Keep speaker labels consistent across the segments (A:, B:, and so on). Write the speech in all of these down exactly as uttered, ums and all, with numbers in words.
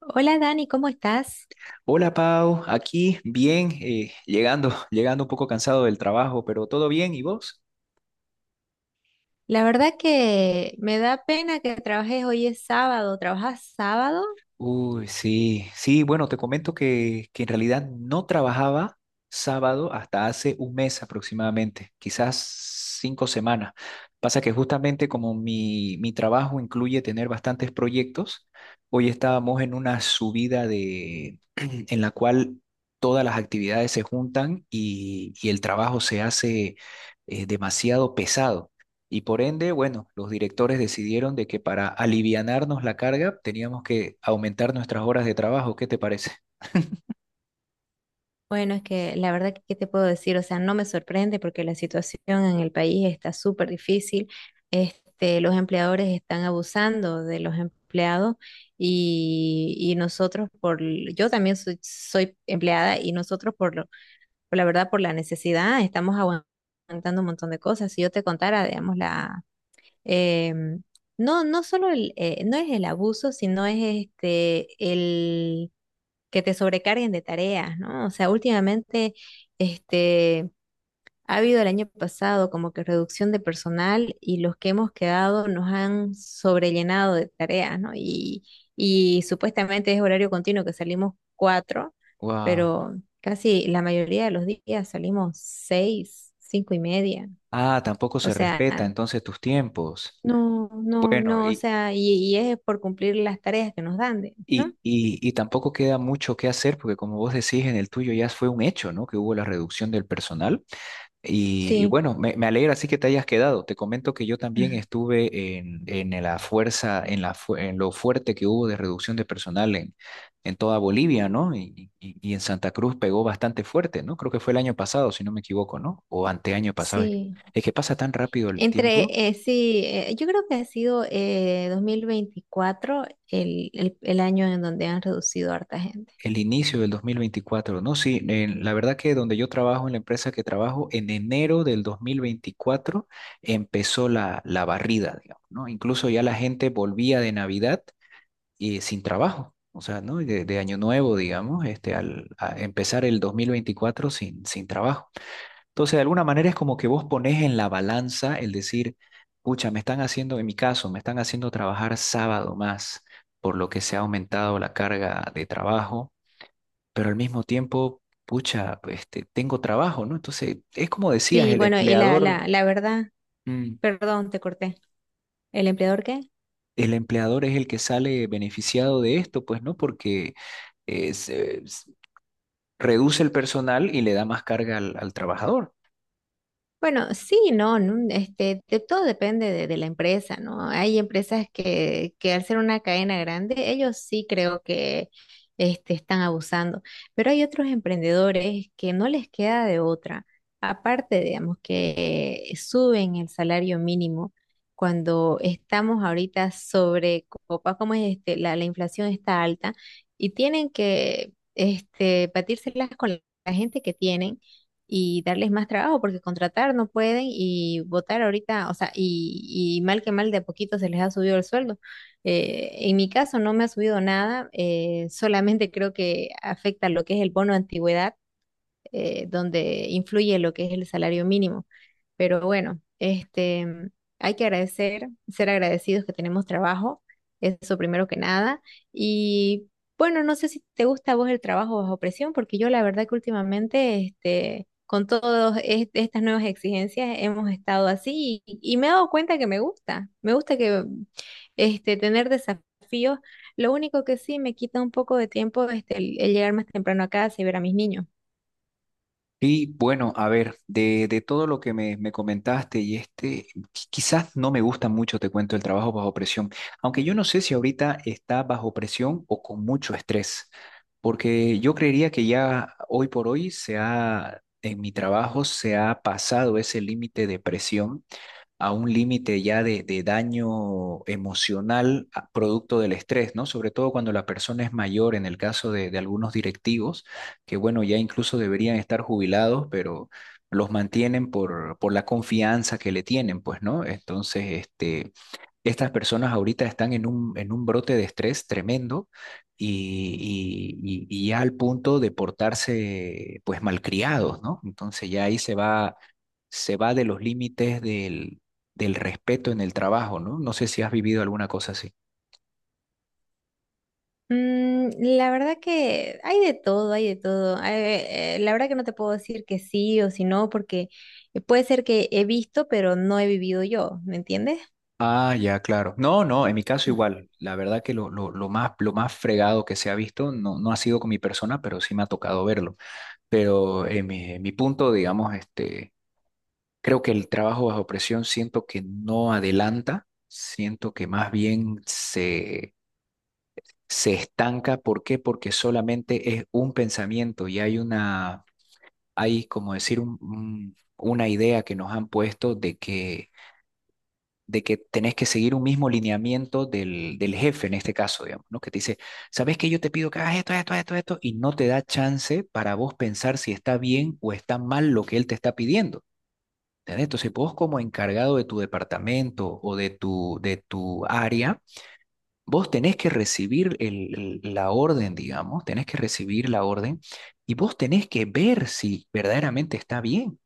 A: Hola Dani, ¿cómo estás?
B: Hola Pau, aquí bien, eh, llegando, llegando un poco cansado del trabajo, pero todo bien, ¿y vos?
A: La verdad que me da pena que trabajes hoy es sábado. ¿Trabajas sábado?
B: Uy, sí, sí, bueno, te comento que, que en realidad no trabajaba sábado hasta hace un mes aproximadamente, quizás cinco semanas. Pasa que justamente como mi, mi trabajo incluye tener bastantes proyectos, hoy estábamos en una subida de, en la cual todas las actividades se juntan y, y el trabajo se hace eh, demasiado pesado. Y por ende, bueno, los directores decidieron de que para alivianarnos la carga teníamos que aumentar nuestras horas de trabajo. ¿Qué te parece?
A: Bueno, es que la verdad que, ¿qué te puedo decir? O sea, no me sorprende porque la situación en el país está súper difícil. Este, los empleadores están abusando de los empleados y, y nosotros por, l- yo también soy, soy empleada y nosotros por lo, por la verdad, por la necesidad, estamos aguantando un montón de cosas. Si yo te contara, digamos, la Em, no, no solo el, eh, no es el abuso, sino es este el que te sobrecarguen de tareas, ¿no? O sea, últimamente este ha habido el año pasado como que reducción de personal y los que hemos quedado nos han sobrellenado de tareas, ¿no? Y, y supuestamente es horario continuo que salimos cuatro,
B: Wow.
A: pero casi la mayoría de los días salimos seis, cinco y media.
B: Ah, tampoco
A: O
B: se
A: sea,
B: respeta entonces tus tiempos.
A: no, no,
B: Bueno,
A: no, o
B: y,
A: sea, y, y es por cumplir las tareas que nos dan, de- ¿no?
B: y, y, y tampoco queda mucho que hacer porque como vos decís, en el tuyo ya fue un hecho, ¿no? Que hubo la reducción del personal. Y, y
A: Sí,
B: bueno, me, me alegra así que te hayas quedado. Te comento que yo también estuve en, en la fuerza, en la, fu- en lo fuerte que hubo de reducción de personal en, en toda Bolivia, ¿no? Y, y- y en Santa Cruz pegó bastante fuerte, ¿no? Creo que fue el año pasado, si no me equivoco, ¿no? O anteaño pasado. Es que,
A: sí.
B: es que pasa tan rápido el tiempo.
A: Entre, eh, sí, eh, yo creo que ha sido eh, dos mil veinticuatro el, el, el año en donde han reducido a harta gente.
B: El inicio del dos mil veinticuatro, ¿no? Sí, en- la verdad que donde yo trabajo, en la empresa que trabajo, en enero del dos mil veinticuatro empezó la, la barrida, digamos, ¿no? Incluso ya la gente volvía de Navidad y sin trabajo. O sea, ¿no? De, de año nuevo, digamos, este, al a empezar el dos mil veinticuatro sin, sin trabajo. Entonces, de alguna manera es como que vos pones en la balanza el decir, pucha, me están haciendo, en mi caso, me están haciendo trabajar sábado más, por lo que se ha aumentado la carga de trabajo, pero al mismo tiempo, pucha, este, tengo trabajo, ¿no? Entonces, es como decías,
A: Sí,
B: el
A: bueno, y la,
B: empleador,
A: la, la verdad,
B: mm,
A: perdón, te corté. ¿El empleador qué?
B: el empleador es el que sale beneficiado de esto, pues, ¿no? Porque es, eh, s- reduce el personal y le da más carga al, al trabajador.
A: Bueno, sí, no, no, este, de todo depende de, de la empresa, ¿no? Hay empresas que, que al ser una cadena grande, ellos sí creo que este, están abusando, pero hay otros emprendedores que no les queda de otra. Aparte, digamos, que suben el salario mínimo cuando estamos ahorita sobre copa, como es este, la, la inflación está alta y tienen que este, batírselas con la gente que tienen y darles más trabajo porque contratar no pueden y votar ahorita, o sea, y, y mal que mal de a poquito se les ha subido el sueldo. Eh, en mi caso no me ha subido nada, eh, solamente creo que afecta lo que es el bono de antigüedad eh, donde influye lo que es el salario mínimo. Pero bueno, este, hay que agradecer, ser agradecidos que tenemos trabajo, eso primero que nada. Y bueno, no sé si te gusta a vos el trabajo bajo presión, porque yo la verdad que últimamente, este, con todas estas nuevas exigencias hemos estado así y, y me he dado cuenta que me gusta, me gusta que este, tener desafíos. Lo único que sí me quita un poco de tiempo este, el el llegar más temprano a casa y ver a mis niños.
B: Y bueno, a ver, de, de todo lo que me, me comentaste y este, qui- quizás no me gusta mucho, te cuento, el trabajo bajo presión, aunque yo no sé si ahorita está bajo presión o con mucho estrés, porque yo creería que ya hoy por hoy se ha, en mi trabajo se ha pasado ese límite de presión a un límite ya de, de daño emocional a- producto del estrés, ¿no? Sobre todo cuando la persona es mayor, en el caso de, de algunos directivos, que bueno, ya incluso deberían estar jubilados, pero los mantienen por, por la confianza que le tienen, pues, ¿no? Entonces, este, estas personas ahorita están en un, en un brote de estrés tremendo y, y, y- y ya al punto de portarse, pues, malcriados, ¿no? Entonces ya ahí se va se va de los límites del, del respeto en el trabajo, ¿no? No sé si has vivido alguna cosa así.
A: Mm, la verdad que hay de todo, hay de todo. Eh, eh, la verdad que no te puedo decir que sí o si no, porque eh, puede ser que he visto, pero no he vivido yo, ¿me entiendes?
B: Ah, ya, claro. No, no, en mi caso igual. La verdad que lo, lo, lo más, lo más fregado que se ha visto no, no ha sido con mi persona, pero sí me ha tocado verlo. Pero en mi, en mi punto, digamos, este, creo que el trabajo bajo presión siento que no adelanta, siento que más bien se, se estanca. ¿Por qué? Porque solamente es un pensamiento y hay una, hay como decir, un- un- una idea que nos han puesto de que de que tenés que seguir un mismo lineamiento del, del jefe en este caso, digamos, ¿no? Que te dice, ¿sabes que yo te pido que hagas esto, esto, esto, esto? Y no te da chance para vos pensar si está bien o está mal lo que él te está pidiendo. ¿Entendés? Entonces, vos como encargado de tu departamento o de tu, de tu área, vos tenés que recibir el- el- la orden, digamos, tenés que recibir la orden y vos tenés que ver si verdaderamente está bien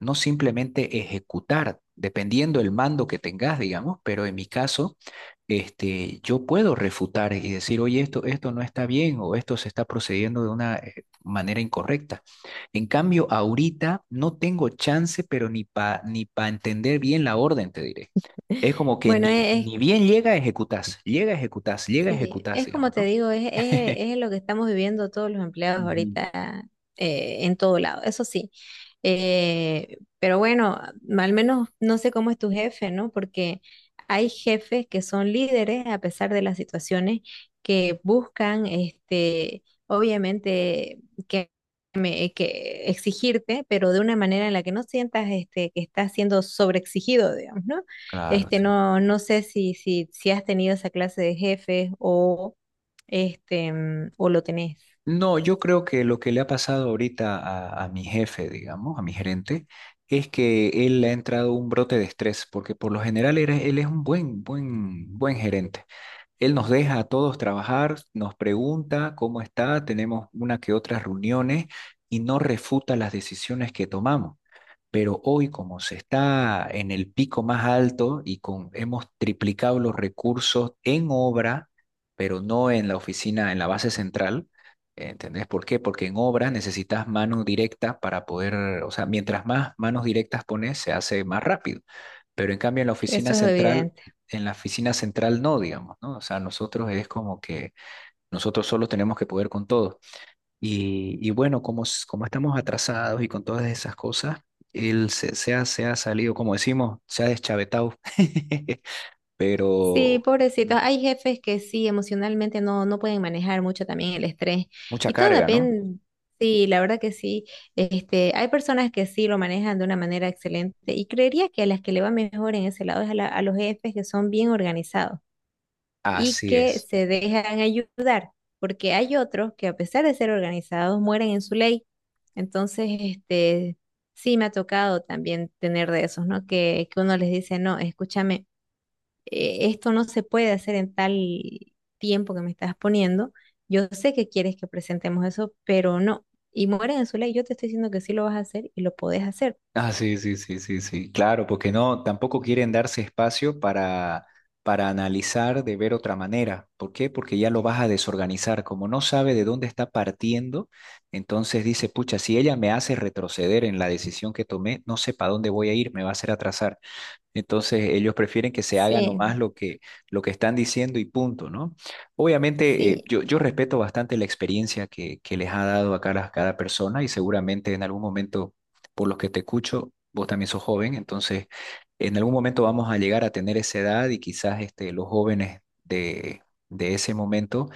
B: no simplemente ejecutar, dependiendo el mando que tengas, digamos, pero en mi caso, este, yo puedo refutar y decir, oye, esto, esto no está bien o esto se está procediendo de una eh, manera incorrecta. En cambio, ahorita no tengo chance, pero ni para ni pa entender bien la orden, te diré.
A: Mm.
B: Es como que
A: Bueno,
B: ni,
A: e- es,
B: ni bien llega, ejecutás, llega, ejecutás, llega,
A: sí,
B: ejecutás,
A: es como
B: digamos,
A: te
B: ¿no?
A: digo, es, es, es lo que estamos viviendo todos los empleados
B: Ujú.
A: ahorita eh, en todo lado, eso sí. Eh, pero bueno, al menos no sé cómo es tu jefe, ¿no? Porque hay jefes que son líderes a pesar de las situaciones que buscan, este, obviamente, que me- eh, que exigirte, pero de una manera en la que no sientas este, que estás siendo sobreexigido, digamos, ¿no?
B: Claro,
A: Este,
B: sí.
A: no, no sé si, si, si has tenido esa clase de jefes o, este, mm, o lo tenés.
B: No, yo creo que lo que le ha pasado ahorita a, a mi jefe, digamos, a mi gerente, es que él le ha entrado un brote de estrés, porque por lo general era- él es un buen, buen, buen gerente. Él nos deja a todos trabajar, nos pregunta cómo está, tenemos una que otras reuniones y no refuta las decisiones que tomamos. Pero hoy, como se está en el pico más alto y con, hemos triplicado los recursos en obra, pero no en la oficina, en la base central, ¿entendés por qué? Porque en obra necesitas mano directa para poder, o sea, mientras más manos directas pones, se hace más rápido. Pero en cambio en la oficina
A: Eso es
B: central,
A: evidente.
B: en la oficina central no, digamos, ¿no? O sea, nosotros es como que nosotros solos tenemos que poder con todo. Y, y bueno, como, s- como estamos atrasados y con todas esas cosas, él se, se ha, se ha salido, como decimos, se ha deschavetado,
A: Sí,
B: pero
A: pobrecitos. Hay jefes que sí, emocionalmente no, no pueden manejar mucho también el estrés.
B: mucha
A: Y todo
B: carga, ¿no?
A: depende, sí, la verdad que sí. Este, hay personas que sí lo manejan de una manera excelente y creería que a las que le va mejor en ese lado es a, la- a los jefes que son bien organizados y
B: Así
A: que
B: es.
A: se dejan ayudar, porque hay otros que a pesar de ser organizados mueren en su ley. Entonces, este, sí me ha tocado también tener de esos, ¿no? Que, que uno les dice, no, escúchame, eh, esto no se puede hacer en tal tiempo que me estás poniendo. Yo sé que quieres que presentemos eso, pero no. Y mueren en su ley. Yo te estoy diciendo que sí lo vas a hacer y lo podés hacer.
B: Ah, sí, sí, sí, sí, sí, claro, porque no, tampoco quieren darse espacio para, para analizar de ver otra manera. ¿Por qué? Porque ya lo vas a desorganizar. Como no sabe de dónde está partiendo, entonces dice, pucha, si ella me hace retroceder en la decisión que tomé, no sé para dónde voy a ir, me va a hacer atrasar. Entonces ellos prefieren que se haga nomás
A: Sí,
B: lo que, lo que están diciendo y punto, ¿no? Obviamente eh,
A: sí,
B: yo, yo respeto bastante la experiencia que, que les ha dado a cada, cada persona y seguramente en algún momento, por los que te escucho, vos también sos joven, entonces en algún momento vamos a llegar a tener esa edad y quizás este, los jóvenes de, de ese momento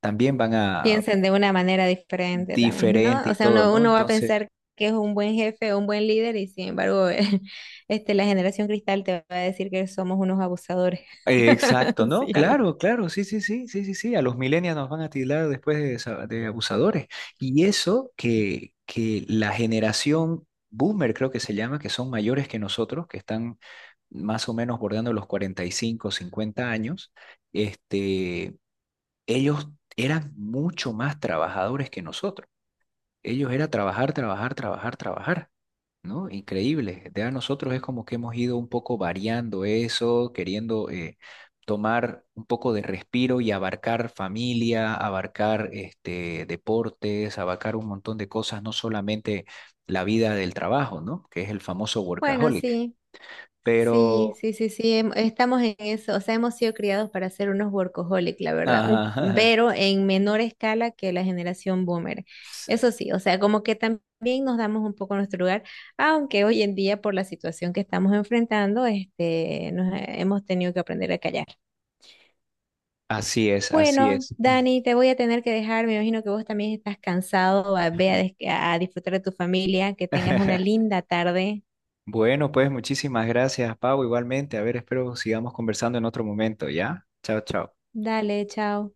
B: también van a
A: piensen de una manera diferente también,
B: diferente
A: ¿no? O
B: y
A: sea,
B: todo,
A: uno,
B: ¿no?
A: uno va a
B: Entonces...
A: pensar que es un buen jefe o un buen líder y sin embargo, este, la generación cristal te va a decir que somos unos abusadores.
B: Eh, Exacto, ¿no?
A: Sí, algo.
B: Claro, claro, sí, sí, sí, sí, sí, sí, a los millennials nos van a tildar después de, sa- de abusadores. Y eso que, que la generación boomer, creo que se llama, que son mayores que nosotros, que están más o menos bordeando los cuarenta y cinco, cincuenta años, este, ellos eran mucho más trabajadores que nosotros. Ellos era trabajar, trabajar, trabajar, trabajar, ¿no? Increíble. De a nosotros es como que hemos ido un poco variando eso, queriendo eh, tomar un poco de respiro y abarcar familia, abarcar este, deportes, abarcar un montón de cosas, no solamente la vida del trabajo, ¿no? Que es el famoso
A: Bueno,
B: workaholic.
A: sí. Sí,
B: Pero,
A: sí, sí, sí, em- estamos en eso, o sea, hemos sido criados para ser unos workaholic, la verdad, un-
B: ajá,
A: pero en menor escala que la generación boomer. Eso sí, o sea, como que también nos damos un poco nuestro lugar, aunque hoy en día por la situación que estamos enfrentando, este, nos he- hemos tenido que aprender a callar.
B: así es, así
A: Bueno,
B: es.
A: Dani, te voy a tener que dejar, me imagino que vos también estás cansado, a- ve a, des- a disfrutar de tu familia, que tengas una linda tarde.
B: Bueno, pues muchísimas gracias, Pau, igualmente. A ver, espero sigamos conversando en otro momento, ¿ya? Chao, chao.
A: Dale, chao.